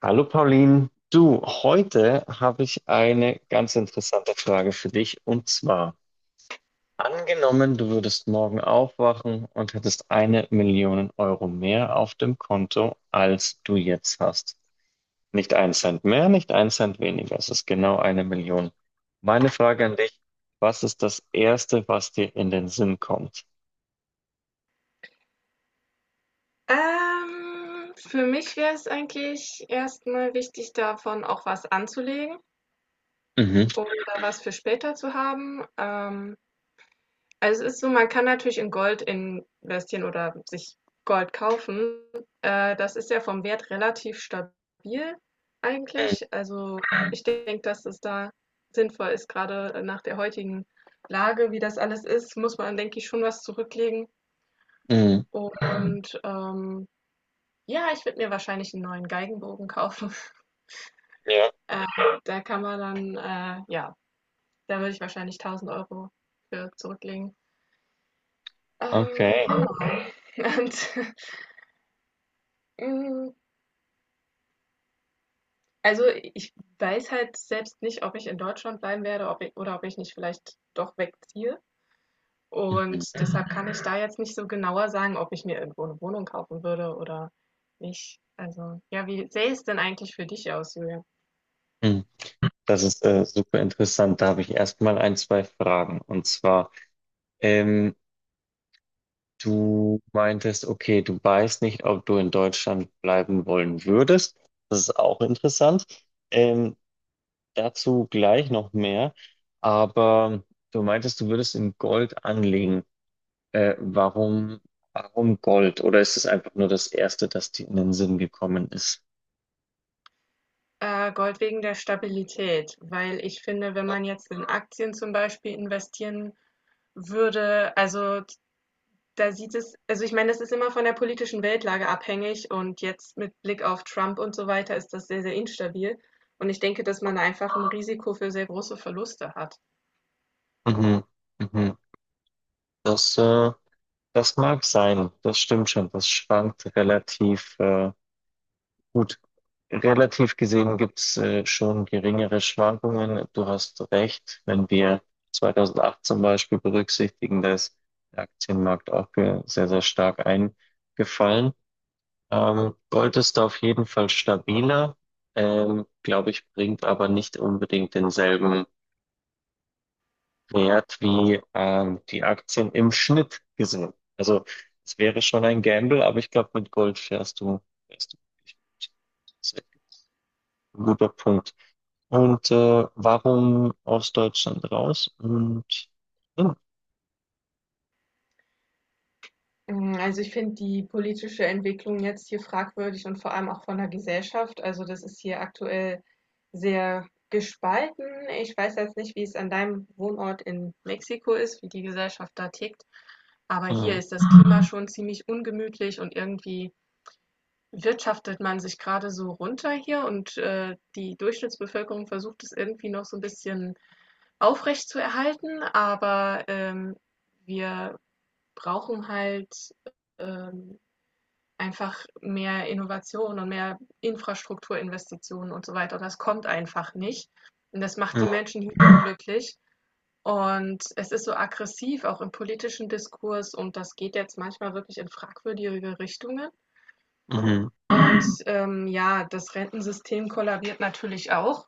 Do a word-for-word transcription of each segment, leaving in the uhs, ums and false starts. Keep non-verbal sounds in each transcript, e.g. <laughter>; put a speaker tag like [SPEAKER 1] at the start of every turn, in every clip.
[SPEAKER 1] Hallo Pauline, du, heute habe ich eine ganz interessante Frage für dich und zwar, angenommen, du würdest morgen aufwachen und hättest eine Million Euro mehr auf dem Konto, als du jetzt hast. Nicht ein Cent mehr, nicht ein Cent weniger, es ist genau eine Million. Meine Frage an dich, was ist das Erste, was dir in den Sinn kommt?
[SPEAKER 2] Ähm, für mich wäre es eigentlich erst mal wichtig, davon auch was anzulegen
[SPEAKER 1] Mhm.
[SPEAKER 2] oder was für später zu haben. Ähm, also es ist so, man kann natürlich in Gold investieren oder sich Gold kaufen. Äh, das ist ja vom Wert relativ stabil
[SPEAKER 1] Mhm.
[SPEAKER 2] eigentlich. Also ich denke, dass es da sinnvoll ist, gerade nach der heutigen Lage, wie das alles ist, muss man, denke ich, schon was zurücklegen.
[SPEAKER 1] Mhm.
[SPEAKER 2] Und ähm, ja, ich würde mir wahrscheinlich einen neuen Geigenbogen kaufen. <laughs>
[SPEAKER 1] Ja,
[SPEAKER 2] Äh, Da kann man dann äh, ja, da würde ich wahrscheinlich tausend Euro für zurücklegen. Ähm,
[SPEAKER 1] okay.
[SPEAKER 2] genau. Und, <laughs> hm, also, ich weiß halt selbst nicht, ob ich in Deutschland bleiben werde, ob i oder ob ich nicht vielleicht doch wegziehe. Und deshalb kann ich da jetzt nicht so genauer sagen, ob ich mir irgendwo eine Wohnung kaufen würde oder nicht. Also, ja, wie sähe es denn eigentlich für dich aus, Julian?
[SPEAKER 1] Mhm. Das ist äh, super interessant. Da habe ich erstmal ein, zwei Fragen. Und zwar, ähm, du meintest, okay, du weißt nicht, ob du in Deutschland bleiben wollen würdest. Das ist auch interessant. Ähm, dazu gleich noch mehr. Aber du meintest, du würdest in Gold anlegen. Äh, warum, warum Gold? Oder ist es einfach nur das Erste, das dir in den Sinn gekommen ist?
[SPEAKER 2] Äh, Gold wegen der Stabilität, weil ich finde, wenn man jetzt in Aktien zum Beispiel investieren würde, also da sieht es, also ich meine, das ist immer von der politischen Weltlage abhängig und jetzt mit Blick auf Trump und so weiter ist das sehr, sehr instabil. Und ich denke, dass man einfach ein Risiko für sehr große Verluste hat.
[SPEAKER 1] Mhm. Mhm. Das äh, Das mag sein, das stimmt schon. Das schwankt relativ äh, gut. Relativ gesehen gibt's äh, schon geringere Schwankungen. Du hast recht, wenn wir zweitausendacht zum Beispiel berücksichtigen, da ist der Aktienmarkt auch ge- sehr, sehr stark eingefallen. Ähm, Gold ist da auf jeden Fall stabiler, ähm, glaube ich, bringt aber nicht unbedingt denselben wert wie ähm, die Aktien im Schnitt gesehen. Also es wäre schon ein Gamble, aber ich glaube, mit Gold fährst du, fährst du wirklich gut. Das ist echt ein guter Punkt. Und äh, warum aus Deutschland raus? Und ja,
[SPEAKER 2] Hm, also ich finde die politische Entwicklung jetzt hier fragwürdig und vor allem auch von der Gesellschaft. Also das ist hier aktuell sehr gespalten. Ich weiß jetzt nicht, wie es an deinem Wohnort in Mexiko ist, wie die Gesellschaft da tickt. Aber hier
[SPEAKER 1] mhm,
[SPEAKER 2] ist das Klima schon ziemlich ungemütlich und irgendwie wirtschaftet man sich gerade so runter hier und äh, die Durchschnittsbevölkerung versucht es irgendwie noch so ein bisschen aufrecht zu erhalten. Aber ähm, wir brauchen halt ähm, einfach mehr Innovation und mehr Infrastrukturinvestitionen und so weiter. Und das kommt einfach nicht. Und das macht die Menschen hier unglücklich. Und es ist so aggressiv, auch im politischen Diskurs. Und das geht jetzt manchmal wirklich in fragwürdige Richtungen.
[SPEAKER 1] mhm,
[SPEAKER 2] Und ähm, ja, das Rentensystem kollabiert natürlich auch.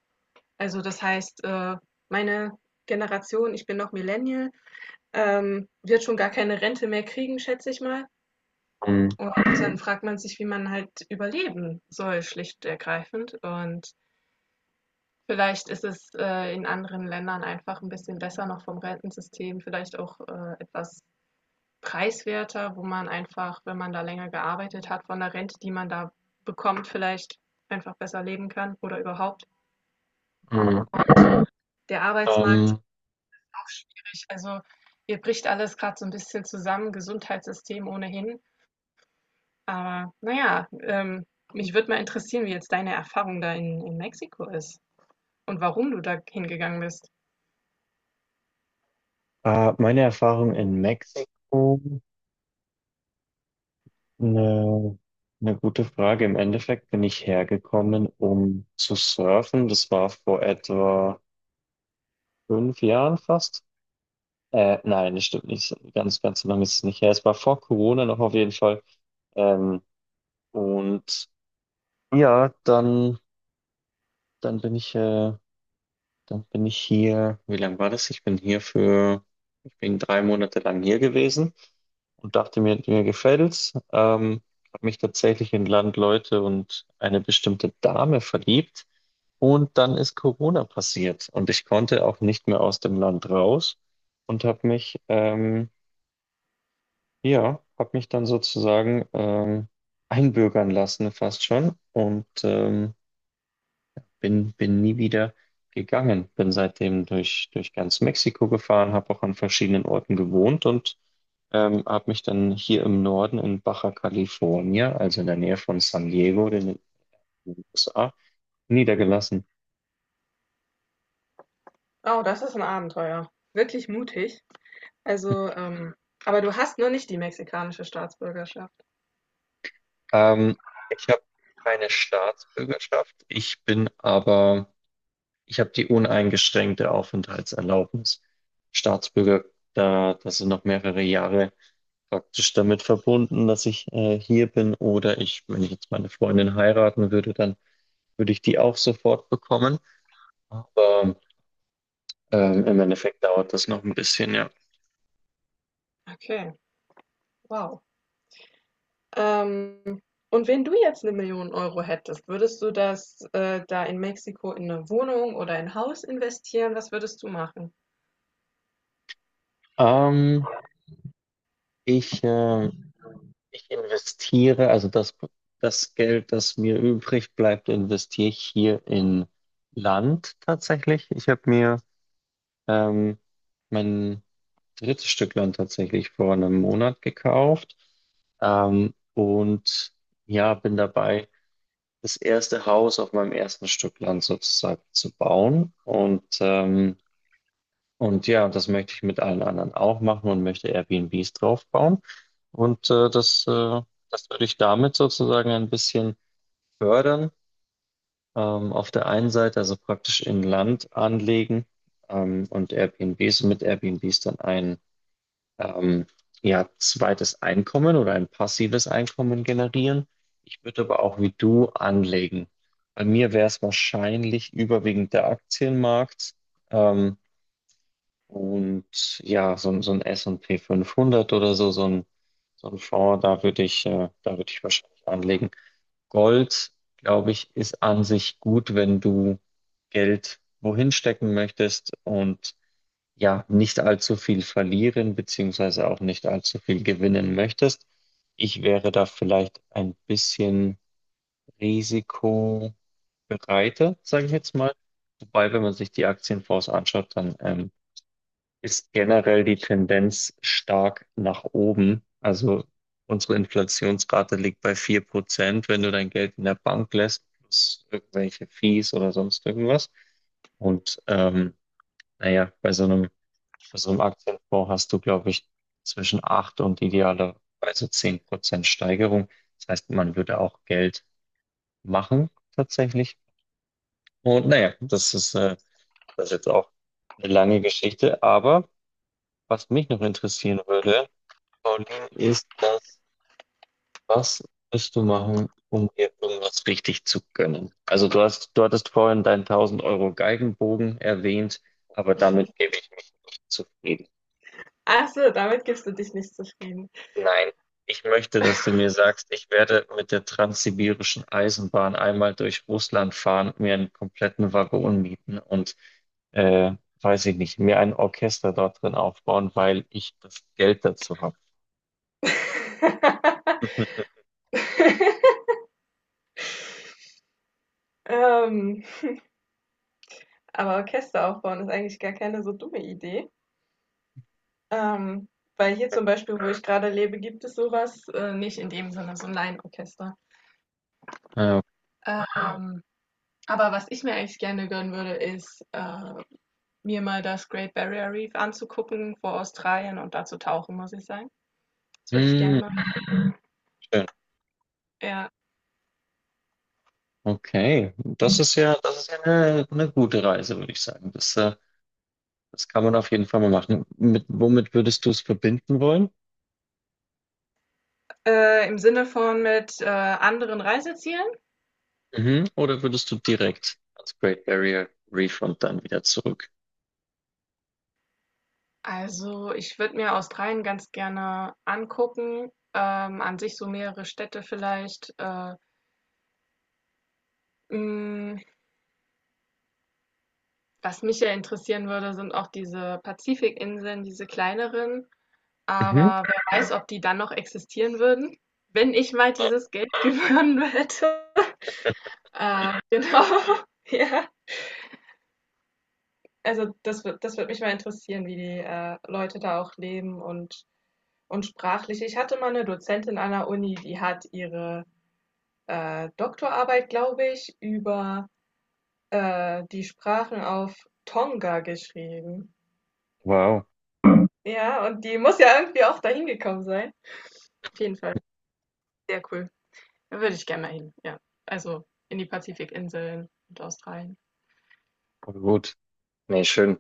[SPEAKER 2] Also das heißt, äh, meine Generation, ich bin noch Millennial, ähm, wird schon gar keine Rente mehr kriegen, schätze ich mal.
[SPEAKER 1] mhm,
[SPEAKER 2] Und dann fragt man sich, wie man halt überleben soll, schlicht und ergreifend. Und vielleicht ist es äh, in anderen Ländern einfach ein bisschen besser noch vom Rentensystem, vielleicht auch äh, etwas preiswerter, wo man einfach, wenn man da länger gearbeitet hat, von der Rente, die man da bekommt, vielleicht einfach besser leben kann oder überhaupt.
[SPEAKER 1] mhm.
[SPEAKER 2] Der Arbeitsmarkt
[SPEAKER 1] Ähm,
[SPEAKER 2] ist auch schwierig. Also hier bricht alles gerade so ein bisschen zusammen, Gesundheitssystem ohnehin. Aber na ja, ähm, mich würde mal interessieren, wie jetzt deine Erfahrung da in, in Mexiko ist und warum du da hingegangen bist.
[SPEAKER 1] äh, meine Erfahrung in Mexiko, eine, eine gute Frage. Im Endeffekt bin ich hergekommen, um zu surfen. Das war vor etwa fünf Jahren fast. Äh, nein, das stimmt nicht. Ganz, ganz so lange ist es nicht her. Es war vor Corona noch auf jeden Fall. Ähm, und ja, dann, dann bin ich, äh, dann bin ich hier. Wie lange war das? Ich bin hier für, ich bin drei Monate lang hier gewesen und dachte mir, mir gefällt's. Ähm, habe mich tatsächlich in Landleute und eine bestimmte Dame verliebt. Und dann ist Corona passiert und ich konnte auch nicht mehr aus dem Land raus und habe mich, ähm, Ja, habe mich dann sozusagen ähm, einbürgern lassen, fast schon, und ähm, bin, bin nie wieder gegangen. Bin seitdem durch, durch ganz Mexiko gefahren, habe auch an verschiedenen Orten gewohnt und ähm, habe mich dann hier im Norden in Baja California, also in der Nähe von San Diego, den den U S A, niedergelassen.
[SPEAKER 2] Oh, das ist ein Abenteuer. Wirklich mutig. Also, ähm, aber du hast nur nicht die mexikanische Staatsbürgerschaft.
[SPEAKER 1] Ähm, ich habe keine Staatsbürgerschaft, ich bin aber Ich habe die uneingeschränkte Aufenthaltserlaubnis. Staatsbürger, da, das sind noch mehrere Jahre praktisch damit verbunden, dass ich äh, hier bin. Oder ich, wenn ich jetzt meine Freundin heiraten würde, dann würde ich die auch sofort bekommen. Aber ähm, im Endeffekt dauert das noch ein bisschen, ja.
[SPEAKER 2] Okay. Wow. Ähm, und wenn du jetzt eine Million Euro hättest, würdest du das äh, da in Mexiko in eine Wohnung oder in ein Haus investieren? Was würdest du machen?
[SPEAKER 1] Ähm, ich, äh, ich investiere, also das, das Geld, das mir übrig bleibt, investiere ich hier in Land tatsächlich. Ich habe mir ähm, mein drittes Stück Land tatsächlich vor einem Monat gekauft. Ähm, und ja, bin dabei, das erste Haus auf meinem ersten Stück Land sozusagen zu bauen. Und, ähm, und ja, das möchte ich mit allen anderen auch machen und möchte Airbnbs draufbauen. Und äh, das, äh, das würde ich damit sozusagen ein bisschen fördern. Ähm, auf der einen Seite also praktisch in Land anlegen ähm, und Airbnbs mit Airbnbs dann ein ähm, ja, zweites Einkommen oder ein passives Einkommen generieren. Ich würde aber auch wie du anlegen. Bei mir wäre es wahrscheinlich überwiegend der Aktienmarkt ähm, und ja, so, ein- so ein S und P fünfhundert oder so, so ein, so ein Fonds, da würde ich, äh, da würde ich wahrscheinlich anlegen. Gold, glaube ich, ist an sich gut, wenn du Geld wohin stecken möchtest und ja, nicht allzu viel verlieren, beziehungsweise auch nicht allzu viel gewinnen möchtest. Ich wäre da vielleicht ein bisschen risikobereiter, sage ich jetzt mal. Wobei, wenn man sich die Aktienfonds anschaut, dann ähm, ist generell die Tendenz stark nach oben. Also unsere Inflationsrate liegt bei vier Prozent, wenn du dein Geld in der Bank lässt, plus irgendwelche Fees oder sonst irgendwas. Und ähm, naja, bei so einem also im Aktienfonds hast du, glaube ich, zwischen acht und idealerweise zehn Prozent Steigerung. Das heißt, man würde auch Geld machen tatsächlich. Und naja, das ist, äh, das ist jetzt auch eine lange Geschichte. Aber was mich noch interessieren würde, Pauline, ist das, was wirst du machen, um dir irgendwas richtig zu gönnen? Also du hast, du hattest vorhin deinen tausend Euro Geigenbogen erwähnt, aber damit gebe ich mich nicht zufrieden.
[SPEAKER 2] Ach so, damit gibst du dich nicht zufrieden.
[SPEAKER 1] Nein, ich möchte, dass du mir sagst, ich werde mit der transsibirischen Eisenbahn einmal durch Russland fahren, mir einen kompletten Waggon mieten und, äh, weiß ich nicht, mir ein Orchester dort drin aufbauen, weil ich das Geld dazu habe.
[SPEAKER 2] <laughs> ähm, Aber Orchester aufbauen ist eigentlich gar keine so dumme Idee. Ähm, Weil hier zum Beispiel, wo ich gerade lebe, gibt es sowas äh, nicht in dem Sinne, so ein Laienorchester.
[SPEAKER 1] Äh,
[SPEAKER 2] Ähm, aber was ich mir eigentlich gerne gönnen würde, ist, äh, mir mal das Great Barrier Reef anzugucken vor Australien und da zu tauchen, muss ich sagen.
[SPEAKER 1] <laughs>
[SPEAKER 2] Das würde ich gerne
[SPEAKER 1] hm,
[SPEAKER 2] machen.
[SPEAKER 1] schön.
[SPEAKER 2] Ja.
[SPEAKER 1] Okay, das ist ja, das ist ja eine, eine gute Reise, würde ich sagen. Das, äh, das kann man auf jeden Fall mal machen. Mit, womit würdest du es verbinden wollen?
[SPEAKER 2] Äh, Im Sinne von mit äh, anderen Reisezielen.
[SPEAKER 1] Mhm. Oder würdest du direkt ans Great Barrier Reef und dann wieder zurück?
[SPEAKER 2] Also ich würde mir Australien ganz gerne angucken. Ähm, an sich so mehrere Städte vielleicht. Äh, mh, Was mich ja interessieren würde, sind auch diese Pazifikinseln, diese kleineren.
[SPEAKER 1] Mhm.
[SPEAKER 2] Aber wer weiß, ob die dann noch existieren würden, wenn ich mal dieses Geld <laughs> gewonnen hätte. Äh, genau. <laughs> Ja. Also das wird, das wird mich mal interessieren, wie die äh, Leute da auch leben und, und sprachlich. Ich hatte mal eine Dozentin an der Uni, die hat ihre äh, Doktorarbeit, glaube ich, über äh, die Sprachen auf Tonga geschrieben.
[SPEAKER 1] Wow,
[SPEAKER 2] Ja, und die muss ja irgendwie auch dahin gekommen sein. Auf jeden Fall, sehr cool. Da würde ich gerne mal hin. Ja, also in die Pazifikinseln und Australien.
[SPEAKER 1] voll gut. Nee, schön.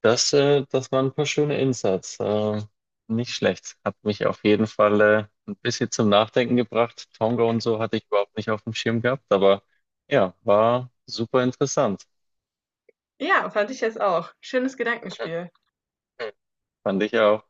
[SPEAKER 1] Das, äh, das waren ein paar schöne Insights. Äh, nicht schlecht. Hat mich auf jeden Fall äh, ein bisschen zum Nachdenken gebracht. Tonga und so hatte ich überhaupt nicht auf dem Schirm gehabt, aber ja, war super interessant.
[SPEAKER 2] Ja, fand ich jetzt auch. Schönes
[SPEAKER 1] <laughs>
[SPEAKER 2] Gedankenspiel.
[SPEAKER 1] Fand ich auch.